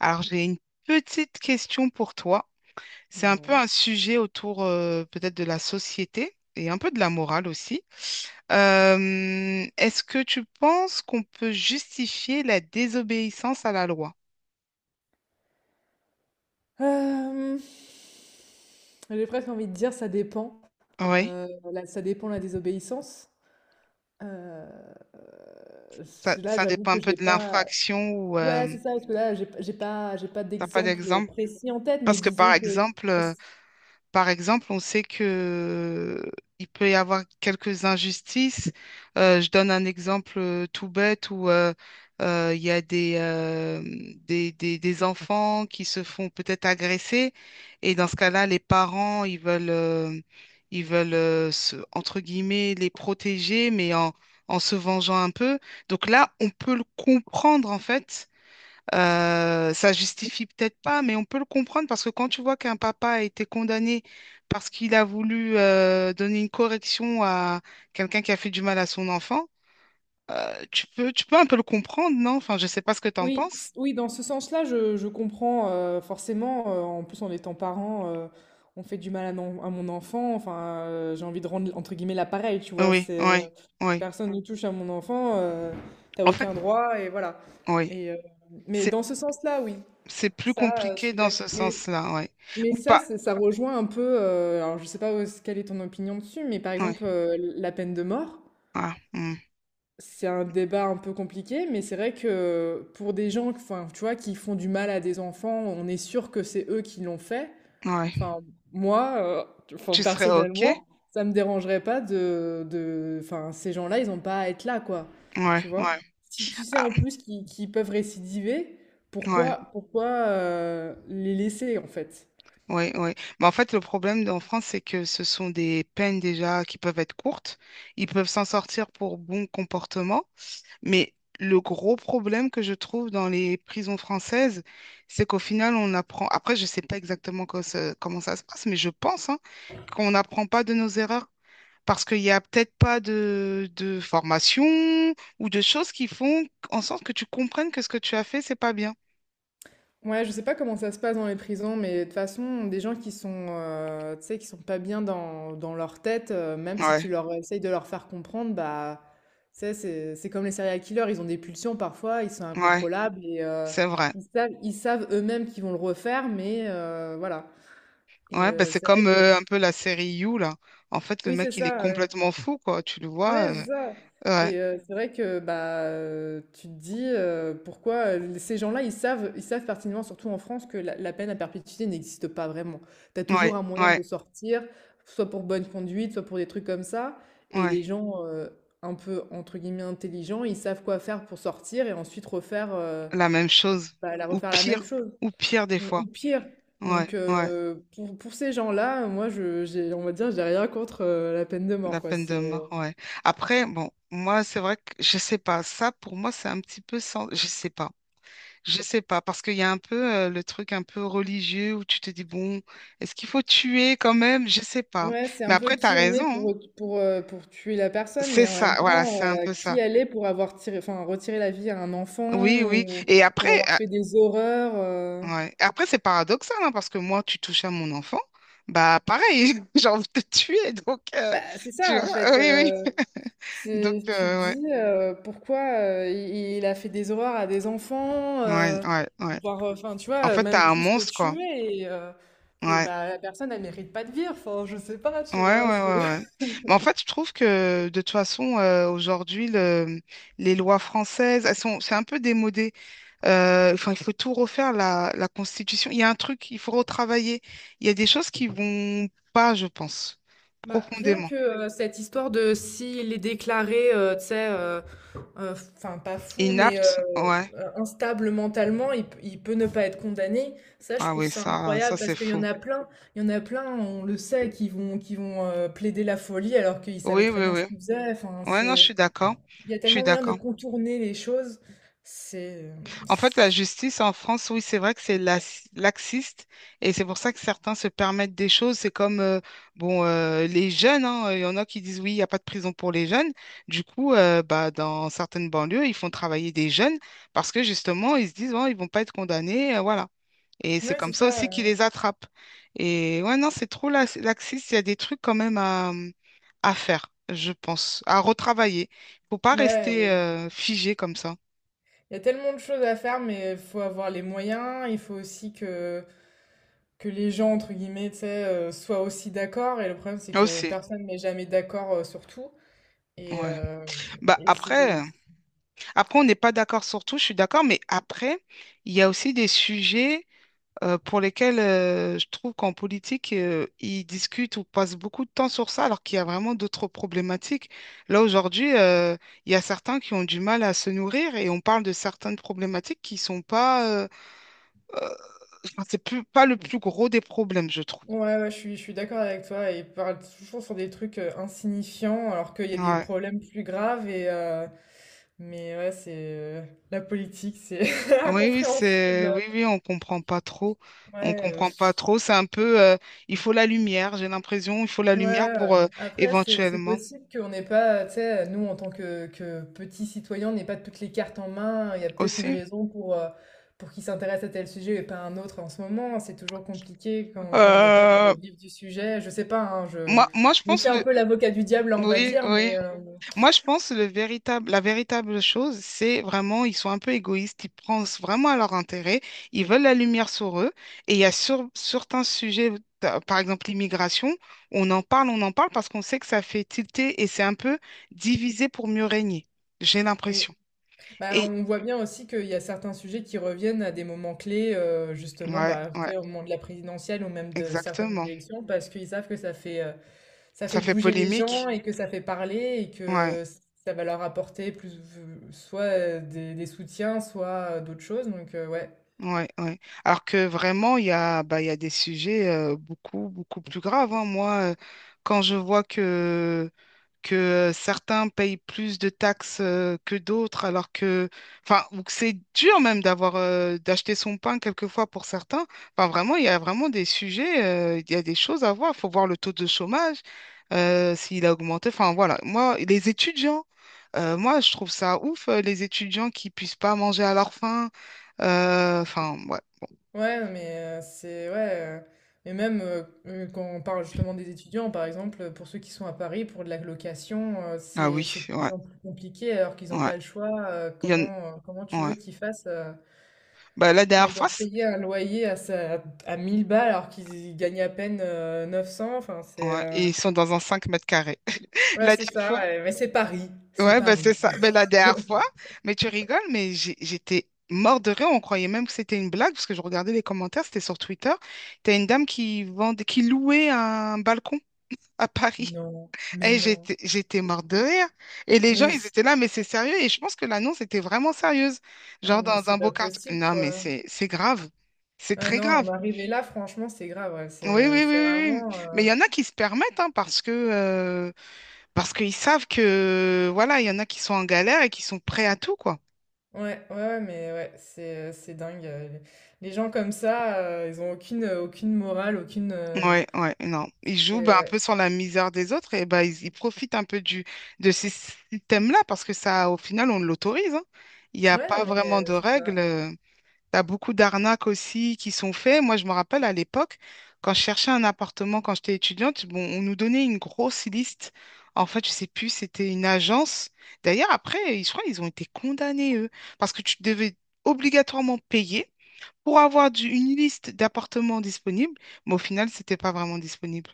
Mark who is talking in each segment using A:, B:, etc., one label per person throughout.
A: Alors, j'ai une petite question pour toi. C'est un peu
B: Ouais.
A: un sujet autour peut-être de la société et un peu de la morale aussi. Est-ce que tu penses qu'on peut justifier la désobéissance à la loi?
B: Euh, j'ai presque envie de dire ça dépend.
A: Oui,
B: Là, ça dépend la désobéissance. Euh,
A: ça,
B: Là,
A: ça
B: j'avoue
A: dépend un
B: que
A: peu
B: j'ai
A: de
B: pas.
A: l'infraction ou
B: Ouais, c'est ça, parce que là, j'ai pas
A: t'as pas
B: d'exemple
A: d'exemple?
B: précis en tête, mais
A: Parce que
B: disons
A: par
B: que
A: exemple,
B: je
A: euh, Par exemple, on sait que euh, il peut y avoir quelques injustices. Je donne un exemple tout bête où il y a des enfants qui se font peut-être agresser et dans ce cas-là, les parents, ils veulent, entre guillemets, les protéger, mais en se vengeant un peu. Donc là, on peut le comprendre en fait ça justifie peut-être pas, mais on peut le comprendre parce que quand tu vois qu'un papa a été condamné parce qu'il a voulu donner une correction à quelqu'un qui a fait du mal à son enfant, tu peux un peu le comprendre, non? Enfin, je sais pas ce que tu en penses.
B: oui, dans ce sens-là, je comprends, forcément. En plus, en étant parent, on fait du mal à mon enfant. Enfin, j'ai envie de rendre entre guillemets l'appareil, tu vois.
A: Oui,
B: C'est
A: oui, oui.
B: personne ne touche à mon enfant, t'as
A: En fait,
B: aucun droit, et voilà.
A: oui.
B: Et, euh, mais
A: C'est,
B: dans ce sens-là, oui,
A: c'est plus
B: ça, je
A: compliqué
B: suis
A: dans
B: d'accord.
A: ce
B: Mais,
A: sens-là, oui.
B: mais
A: Ou
B: ça,
A: pas.
B: ça rejoint un peu, alors je sais pas quelle est ton opinion dessus, mais par exemple,
A: Oui.
B: la peine de mort,
A: Ah, hmm,
B: c'est un débat un peu compliqué, mais c'est vrai que pour des gens, enfin, tu vois, qui font du mal à des enfants, on est sûr que c'est eux qui l'ont fait.
A: ouais.
B: Enfin, moi, enfin,
A: Tu serais OK?
B: personnellement, ça me dérangerait pas enfin, ces gens-là, ils n'ont pas à être là, quoi.
A: Ouais,
B: Tu vois?
A: ouais.
B: Si tu sais
A: Ah,
B: en plus qu'ils peuvent récidiver,
A: ouais.
B: pourquoi les laisser, en fait?
A: Oui, oui. Mais en fait, le problème en France, c'est que ce sont des peines déjà qui peuvent être courtes. Ils peuvent s'en sortir pour bon comportement. Mais le gros problème que je trouve dans les prisons françaises, c'est qu'au final, on apprend. Après, je ne sais pas exactement comment ça se passe, mais je pense hein, qu'on n'apprend pas de nos erreurs. Parce qu'il n'y a peut-être pas de formation ou de choses qui font en sorte que tu comprennes que ce que tu as fait, c'est pas bien.
B: Ouais, je sais pas comment ça se passe dans les prisons, mais de toute façon, des gens qui sont, tu sais, qui sont pas bien dans leur tête, même si
A: Ouais,
B: tu leur essayes de leur faire comprendre, bah, tu sais, c'est comme les serial killers, ils ont des pulsions parfois, ils sont
A: ouais,
B: incontrôlables et
A: c'est vrai.
B: ils savent eux-mêmes qu'ils vont le refaire, mais voilà. Et
A: Ouais, bah
B: euh,
A: c'est
B: c'est vrai
A: comme
B: que,
A: un peu la série You, là. En fait, le
B: oui, c'est
A: mec, il est
B: ça. Ouais.
A: complètement fou, quoi. Tu le
B: Ouais,
A: vois.
B: c'est ça.
A: Ouais,
B: Et c'est vrai que bah, tu te dis, pourquoi, ces gens-là ils savent pertinemment, surtout en France, que la peine à perpétuité n'existe pas vraiment. Tu as
A: ouais,
B: toujours un moyen
A: ouais,
B: de sortir, soit pour bonne conduite, soit pour des trucs comme ça. Et les
A: ouais.
B: gens, un peu entre guillemets intelligents, ils savent quoi faire pour sortir et ensuite
A: La même chose.
B: la
A: Ou
B: refaire la même
A: pire.
B: chose
A: Ou pire, des
B: ou
A: fois.
B: ou pire.
A: Ouais,
B: Donc
A: ouais.
B: euh, pour ces gens-là, moi je j'ai, on va dire, j'ai rien contre, la peine de
A: La
B: mort, quoi.
A: peine de
B: C'est
A: mort, ouais. Après, bon, moi, c'est vrai que je sais pas. Ça, pour moi, c'est un petit peu sans. Je sais pas. Je sais pas. Parce qu'il y a un peu le truc un peu religieux où tu te dis, bon, est-ce qu'il faut tuer quand même? Je sais pas.
B: Ouais, c'est
A: Mais
B: un peu
A: après, t'as
B: qui on
A: raison,
B: est
A: hein.
B: pour tuer la personne,
A: C'est
B: mais en
A: ça.
B: même
A: Voilà,
B: temps,
A: c'est un peu
B: qui
A: ça.
B: elle est pour avoir tiré, enfin, retiré la vie à un enfant,
A: Oui, oui.
B: ou,
A: Et après,
B: ou avoir fait des horreurs.
A: ouais. Et après, c'est paradoxal, hein, parce que moi, tu touches à mon enfant, bah pareil, j'ai envie de te tuer, donc
B: Bah, c'est
A: tu
B: ça, en
A: vois,
B: fait.
A: oui, oui. Donc,
B: Tu te
A: ouais,
B: dis, pourquoi, il a fait des horreurs à des enfants,
A: ouais, ouais, ouais.
B: voire, enfin, tu
A: En
B: vois,
A: fait,
B: même
A: t'as un
B: plus que
A: monstre, quoi.
B: tuer. Et
A: Ouais,
B: bah, la personne, elle mérite pas de vivre. Enfin, je sais pas,
A: ouais,
B: tu
A: ouais,
B: vois.
A: ouais, ouais. Mais en fait, je trouve que de toute façon, aujourd'hui, les lois françaises, elles sont, c'est un peu démodé. Enfin, il faut tout refaire, la Constitution. Il y a un truc, il faut retravailler. Il y a des choses qui vont pas, je pense,
B: Bah, rien
A: profondément.
B: que, cette histoire de s'il est déclaré, tu sais, enfin pas fou, mais,
A: Inaptes, ouais.
B: instable mentalement, il peut ne pas être condamné. Ça, je
A: Ah
B: trouve
A: oui,
B: ça
A: ça
B: incroyable parce
A: c'est
B: qu'il y en
A: fou.
B: a plein, il y en a plein, on le sait, qui vont plaider la folie alors qu'ils savaient
A: Oui,
B: très
A: oui,
B: bien
A: oui.
B: ce qu'ils faisaient.
A: Ouais, non, je suis d'accord.
B: Il y a
A: Je suis
B: tellement moyen de
A: d'accord.
B: contourner les choses. C'est, euh,
A: En fait, la justice en France, oui, c'est vrai que c'est laxiste et c'est pour ça que certains se permettent des choses. C'est comme, bon, les jeunes, hein, il y en a qui disent, oui, il n'y a pas de prison pour les jeunes. Du coup, bah, dans certaines banlieues, ils font travailler des jeunes parce que justement, ils se disent, bon, ils vont pas être condamnés, voilà. Et c'est
B: ouais,
A: comme
B: c'est
A: ça
B: ça.
A: aussi qu'ils
B: Ouais,
A: les attrapent. Et ouais, non, c'est trop laxiste. Il y a des trucs quand même à faire, je pense, à retravailler. Faut pas rester
B: Ouais,
A: figé comme ça.
B: il y a tellement de choses à faire, mais il faut avoir les moyens. Il faut aussi que les gens, entre guillemets, tu sais, soient aussi d'accord. Et le problème, c'est que
A: Aussi,
B: personne n'est jamais d'accord sur tout. Et,
A: ouais.
B: euh,
A: Bah
B: et c'est...
A: après, après on n'est pas d'accord sur tout, je suis d'accord, mais après, il y a aussi des sujets pour lesquels je trouve qu'en politique, ils discutent ou passent beaucoup de temps sur ça, alors qu'il y a vraiment d'autres problématiques. Là, aujourd'hui, il y a certains qui ont du mal à se nourrir et on parle de certaines problématiques qui sont pas, euh, enfin, c'est plus, pas le plus gros des problèmes, je trouve.
B: Ouais, ouais, je suis d'accord avec toi. Et ils parlent toujours sur des trucs insignifiants, alors qu'il y a des
A: Ouais.
B: problèmes plus graves. Mais ouais, la politique, c'est
A: Oui, oui,
B: incompréhensible.
A: oui, oui, on comprend pas trop.
B: Ouais.
A: On comprend pas trop. C'est un peu, il faut la lumière, j'ai l'impression, il faut la
B: Ouais,
A: lumière
B: ouais.
A: pour
B: Après, c'est
A: éventuellement
B: possible qu'on n'ait pas, tu sais, nous, en tant que, petits citoyens, on n'ait pas toutes les cartes en main. Il y a peut-être une
A: aussi.
B: raison pour qu'ils s'intéressent à tel sujet et pas à un autre en ce moment. C'est toujours compliqué quand on n'est pas dans
A: Euh,
B: le vif du sujet. Je sais pas, hein, je,
A: moi, je
B: je me
A: pense
B: fais un peu l'avocat du diable, là, on va
A: oui,
B: dire,
A: oui.
B: mais
A: Moi, je pense que la véritable chose, c'est vraiment, ils sont un peu égoïstes, ils pensent vraiment à leur intérêt, ils veulent la lumière sur eux. Et il y a certains sujets, par exemple l'immigration, on en parle parce qu'on sait que ça fait tilter et c'est un peu divisé pour mieux régner, j'ai
B: oui.
A: l'impression.
B: Bah,
A: Et
B: on voit bien aussi qu'il y a certains sujets qui reviennent à des moments clés, justement,
A: ouais,
B: bah, tu
A: ouais,
B: sais, au moment de la présidentielle ou même de certaines
A: exactement.
B: élections, parce qu'ils savent que ça fait
A: Ça fait
B: bouger les gens
A: polémique.
B: et que ça fait parler et
A: Ouais,
B: que ça va leur apporter plus, soit des soutiens, soit d'autres choses. Donc, ouais.
A: ouais, ouais. Alors que vraiment, il y a des sujets beaucoup, beaucoup plus graves, hein. Moi, quand je vois que que certains payent plus de taxes que d'autres, alors que, enfin, ou que c'est dur même d'avoir d'acheter son pain quelquefois pour certains. Enfin, vraiment, il y a vraiment des sujets, il y a des choses à voir. Il faut voir le taux de chômage, s'il a augmenté. Enfin, voilà. Moi, les étudiants, moi, je trouve ça ouf, les étudiants qui puissent pas manger à leur faim. Enfin, ouais.
B: Ouais, non, mais c'est ouais. Mais même quand on parle justement des étudiants, par exemple, pour ceux qui sont à Paris, pour de la location,
A: Ah
B: c'est
A: oui,
B: de plus
A: ouais,
B: en plus compliqué alors qu'ils n'ont
A: ouais.
B: pas le choix. euh,
A: Il y en.
B: comment, euh, comment tu
A: Ouais.
B: veux qu'ils fassent,
A: Bah, la
B: quand
A: dernière
B: ils doivent
A: fois,
B: payer un loyer à, à 1 000 balles alors qu'ils gagnent à peine, 900? Enfin,
A: ouais. Et ils sont dans un 5 m².
B: ouais,
A: La
B: c'est
A: dernière
B: ça,
A: fois,
B: ouais, mais c'est Paris, c'est
A: ouais, ben
B: Paris.
A: c'est ça. Ben la dernière fois, mais tu rigoles, mais j'étais mort de rire. On croyait même que c'était une blague parce que je regardais les commentaires, c'était sur Twitter. T'as une dame qui vendait, qui louait un balcon à Paris.
B: Non, mais
A: Et
B: non,
A: j'étais mort de rire. Et les gens,
B: mais,
A: ils
B: c-
A: étaient là, mais c'est sérieux. Et je pense que l'annonce était vraiment sérieuse.
B: ah,
A: Genre
B: mais
A: dans
B: c'est
A: un beau
B: pas
A: quartier.
B: possible,
A: Non, mais
B: quoi.
A: c'est grave. C'est
B: Ah
A: très
B: non,
A: grave.
B: en arriver là, franchement, c'est grave, ouais,
A: Oui, oui,
B: c'est
A: oui,
B: c'est
A: oui,
B: vraiment...
A: oui. Mais il y en a qui se permettent, hein, parce qu'ils savent que voilà, il y en a qui sont en galère et qui sont prêts à tout, quoi.
B: Ouais, ouais, ouais, mais ouais, c'est dingue. Les gens comme ça, ils ont aucune, aucune morale, aucune...
A: Ouais, ouais, non. Ils jouent bah, un
B: Ouais.
A: peu sur la misère des autres et bah, ils profitent un peu de ces systèmes-là parce que ça, au final, on l'autorise, hein. Il n'y a
B: Ouais, non,
A: pas
B: mais,
A: vraiment de
B: c'est ça.
A: règles. T'as beaucoup d'arnaques aussi qui sont faites. Moi, je me rappelle à l'époque, quand je cherchais un appartement quand j'étais étudiante, bon, on nous donnait une grosse liste. En fait, je sais plus, c'était une agence. D'ailleurs, après, je crois qu'ils ont été condamnés, eux, parce que tu devais obligatoirement payer pour avoir une liste d'appartements disponibles, mais au final, c'était pas vraiment disponible.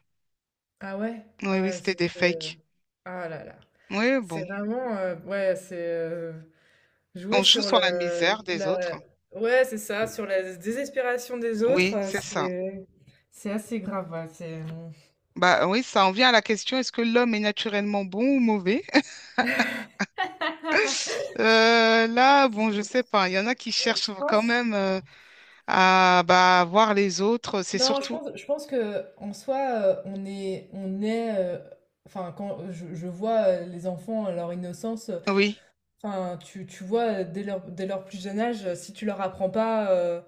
B: Ah ouais,
A: Oui,
B: ah
A: oui,
B: ouais,
A: c'était
B: ça,
A: des fakes.
B: Ah là là,
A: Oui,
B: c'est
A: bon,
B: vraiment... ouais,
A: on
B: Jouer
A: joue
B: sur
A: sur
B: la,
A: la misère des autres.
B: la... Ouais, c'est ça, sur la désespération des autres,
A: Oui, c'est ça.
B: c'est assez grave, ouais, c'est...
A: Bah oui, ça en vient à la question, est-ce que l'homme est naturellement bon ou mauvais? Là, bon, je sais pas. Il y en a qui
B: Je
A: cherchent quand
B: pense...
A: même à bah, voir les autres. C'est
B: Non, je
A: surtout,
B: pense, je pense que en soi, on est, enfin, quand je vois, les enfants, leur innocence,
A: oui,
B: enfin, tu vois, dès leur plus jeune âge, si tu leur apprends pas,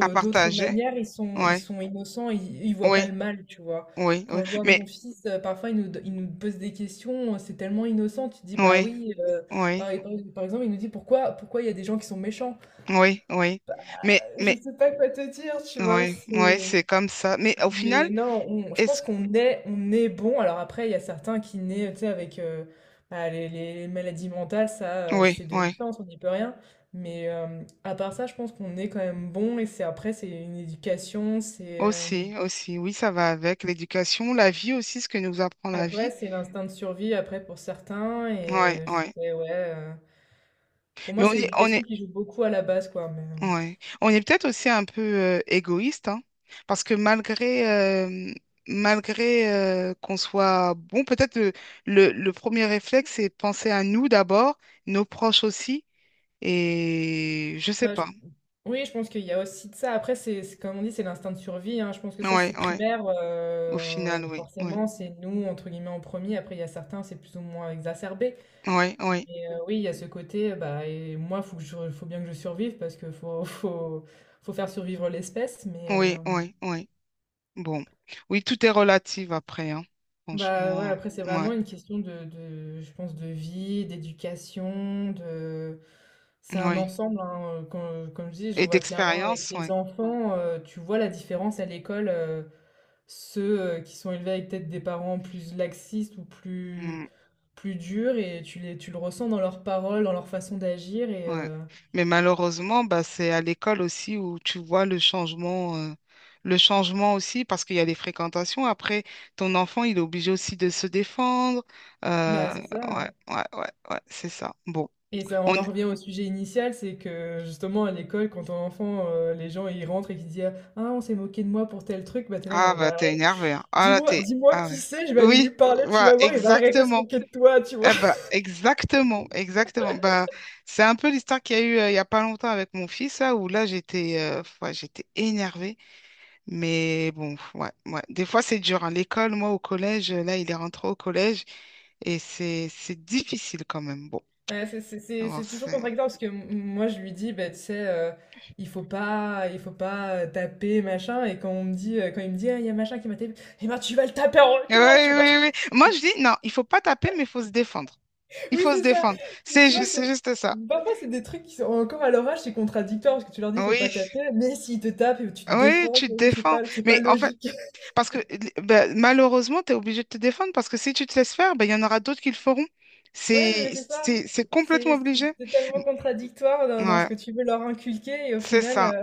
A: à
B: d'autres
A: partager.
B: manières, ils sont, ils
A: Ouais,
B: sont innocents, ils voient pas le
A: oui,
B: mal, tu vois.
A: oui, oui.
B: Quand je vois
A: Mais,
B: mon fils, parfois, il nous pose des questions, c'est tellement innocent, tu te dis, bah
A: oui,
B: oui,
A: oui,
B: par exemple, il nous dit, pourquoi il y a des gens qui sont méchants?
A: oui, oui. Mais,
B: Je sais pas quoi te dire, tu vois,
A: oui, oui, c'est comme ça. Mais au final,
B: mais non, je pense
A: est-ce.
B: qu'on est bon. Alors après, il y a certains qui naissent, tu sais, avec bah, les maladies mentales, ça,
A: Oui,
B: c'est de
A: oui,
B: naissance, on n'y peut rien. Mais à part ça, je pense qu'on est quand même bon. Et c'est après, c'est une éducation, c'est
A: aussi, aussi, oui, ça va avec l'éducation, la vie aussi, ce que nous apprend la
B: après,
A: vie.
B: c'est l'instinct de survie après pour certains.
A: Ouais,
B: Et je
A: ouais.
B: dirais, ouais, pour
A: Mais
B: moi, c'est
A: on est,
B: l'éducation qui joue beaucoup à la base, quoi. Mais,
A: ouais. On est peut-être aussi un peu égoïste, hein, parce que malgré qu'on soit bon, peut-être le premier réflexe, c'est de penser à nous d'abord, nos proches aussi, et je sais
B: Bah, je-
A: pas.
B: oui, je pense qu'il y a aussi de ça. Après, comme on dit, c'est l'instinct de survie, hein. Je pense que ça,
A: Ouais,
B: c'est
A: ouais.
B: primaire.
A: Au final, oui, oui,
B: Forcément, c'est nous, entre guillemets, en premier. Après, il y a certains, c'est plus ou moins exacerbé.
A: oui, oui,
B: Mais oui, il y a ce côté, bah, et moi, il faut que je- faut bien que je survive parce que faut faire survivre l'espèce.
A: oui, oui, oui. Bon, oui, tout est relatif après, hein.
B: Bah, ouais,
A: Franchement,
B: après, c'est
A: ouais,
B: vraiment une question je pense, de vie, d'éducation, de... C'est un
A: oui.
B: ensemble, hein. Comme je dis, je
A: Et
B: vois clairement avec
A: d'expérience,
B: les
A: ouais.
B: enfants, tu vois la différence à l'école, ceux qui sont élevés avec peut-être des parents plus laxistes ou plus,
A: Mm,
B: plus durs, et tu le ressens dans leurs paroles, dans leur façon d'agir, et
A: ouais.
B: euh,
A: Mais malheureusement, bah, c'est à l'école aussi où tu vois le changement aussi, parce qu'il y a les fréquentations. Après, ton enfant, il est obligé aussi de se défendre. Euh,
B: bah, c'est ça, hein.
A: ouais, ouais, ouais, ouais, c'est ça. Bon,
B: Et ça,
A: on.
B: on en revient au sujet initial, c'est que justement à l'école, quand on est enfant, les gens ils rentrent et qu'ils disent «Ah, on s'est moqué de moi pour tel truc», bah t'es là
A: Ah,
B: genre
A: bah,
B: «Bah,
A: t'es énervé, hein. Ah, là, t'es.
B: dis-moi
A: Ah,
B: qui
A: ouais.
B: c'est, je vais aller lui
A: Oui,
B: parler, tu
A: voilà,
B: vas voir, il va arrêter de se
A: exactement.
B: moquer de toi», tu vois.
A: Eh ben, exactement, exactement. Bah, c'est un peu l'histoire qu'il y a eu il y a pas longtemps avec mon fils, là, où là, j'étais ouais, j'étais énervée. Mais bon, ouais, ouais. Des fois, c'est dur, hein. L'école, moi, au collège, là, il est rentré au collège et c'est difficile quand même. Bon,
B: Ouais, c'est c'est- c'est-
A: alors
B: c'est toujours
A: c'est.
B: contradictoire parce que moi je lui dis «Bah, tu sais, il faut pas taper, machin», et quand il me dit «Ah, il y a machin qui m'a tapé», eh ben tu vas le taper en
A: Oui,
B: retour, tu vois.
A: oui, oui. Moi, je dis, non, il faut pas taper, mais il faut se défendre. Il
B: Oui,
A: faut se
B: c'est ça.
A: défendre.
B: Mais
A: C'est
B: tu
A: ju-
B: vois,
A: c'est
B: c'est
A: juste ça.
B: parfois c'est des trucs qui sont encore à leur âge, c'est contradictoire parce que tu leur dis faut pas
A: Oui,
B: taper, mais s'ils te tapent et tu te
A: oui,
B: défends,
A: tu
B: tu
A: te
B: vois, c'est
A: défends.
B: pas c'est pas
A: Mais en fait,
B: logique.
A: parce que bah, malheureusement, tu es obligé de te défendre parce que si tu te laisses faire, ben il y en aura d'autres qui le feront.
B: Ouais, non,
A: C'est,
B: mais c'est ça.
A: c'est, c'est complètement
B: C'est c'est-
A: obligé.
B: c'est tellement contradictoire dans ce
A: Ouais,
B: que tu veux leur inculquer et au
A: c'est
B: final,
A: ça.
B: euh,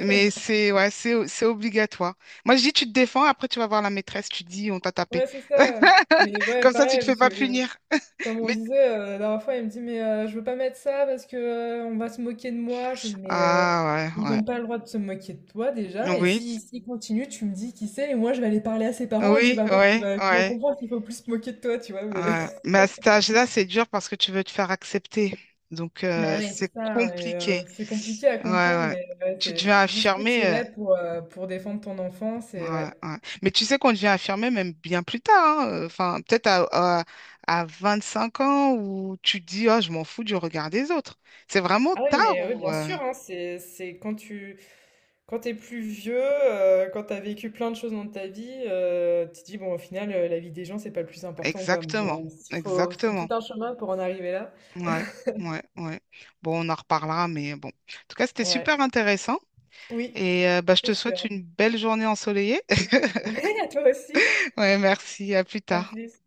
A: Mais c'est ouais, c'est obligatoire. Moi, je dis, tu te défends, après tu vas voir la maîtresse, tu dis, on t'a tapé.
B: ouais, c'est ça. Mais ouais,
A: Comme ça, tu
B: pareil,
A: te fais
B: parce
A: pas
B: que
A: punir.
B: comme on
A: Mais.
B: disait, la dernière fois, il me dit: «Mais je veux pas mettre ça parce que, on va se moquer de moi». Je lui dis: «Mais
A: Ah ouais,
B: ils
A: ouais.
B: n'ont pas le droit de se moquer de toi déjà et
A: Oui,
B: si s'ils continuent, tu me dis qui c'est et moi je vais aller parler à ses parents et tu
A: oui,
B: vas voir, qu'il
A: ouais,
B: va tu vas
A: ouais,
B: comprendre qu'il faut plus se moquer de toi», tu vois? Mais
A: ouais. Mais à cet âge-là, c'est dur parce que tu veux te faire accepter. Donc,
B: bah oui, c'est
A: c'est
B: ça, hein, et
A: compliqué.
B: c'est compliqué à
A: Ouais,
B: comprendre,
A: ouais.
B: mais ouais,
A: Tu
B: c'est
A: deviens
B: jusqu'où tu
A: affirmé.
B: irais pour défendre ton enfant, c'est
A: Ouais,
B: ouais.
A: ouais. Mais tu sais qu'on devient infirmier même bien plus tard, hein, enfin, peut-être à, 5 ans où tu te dis, oh, je m'en fous du regard des autres. C'est vraiment
B: Ah oui,
A: tard
B: mais oui,
A: ou
B: bien
A: euh,
B: sûr, hein, c'est quand tu Quand t'es plus vieux, quand t'as vécu plein de choses dans ta vie, tu te dis: «Bon, au final, la vie des gens, c'est pas le plus important, quoi». Mais,
A: Exactement,
B: s faut c'est tout
A: exactement.
B: un chemin pour en arriver là.
A: Ouais, ouais, ouais. Bon, on en reparlera, mais bon. En tout cas, c'était
B: Ouais.
A: super intéressant
B: Oui,
A: et bah, je
B: c'est
A: te souhaite
B: sûr.
A: une belle journée ensoleillée.
B: Ouais, à toi aussi.
A: Ouais, merci, à plus
B: À
A: tard.
B: plus.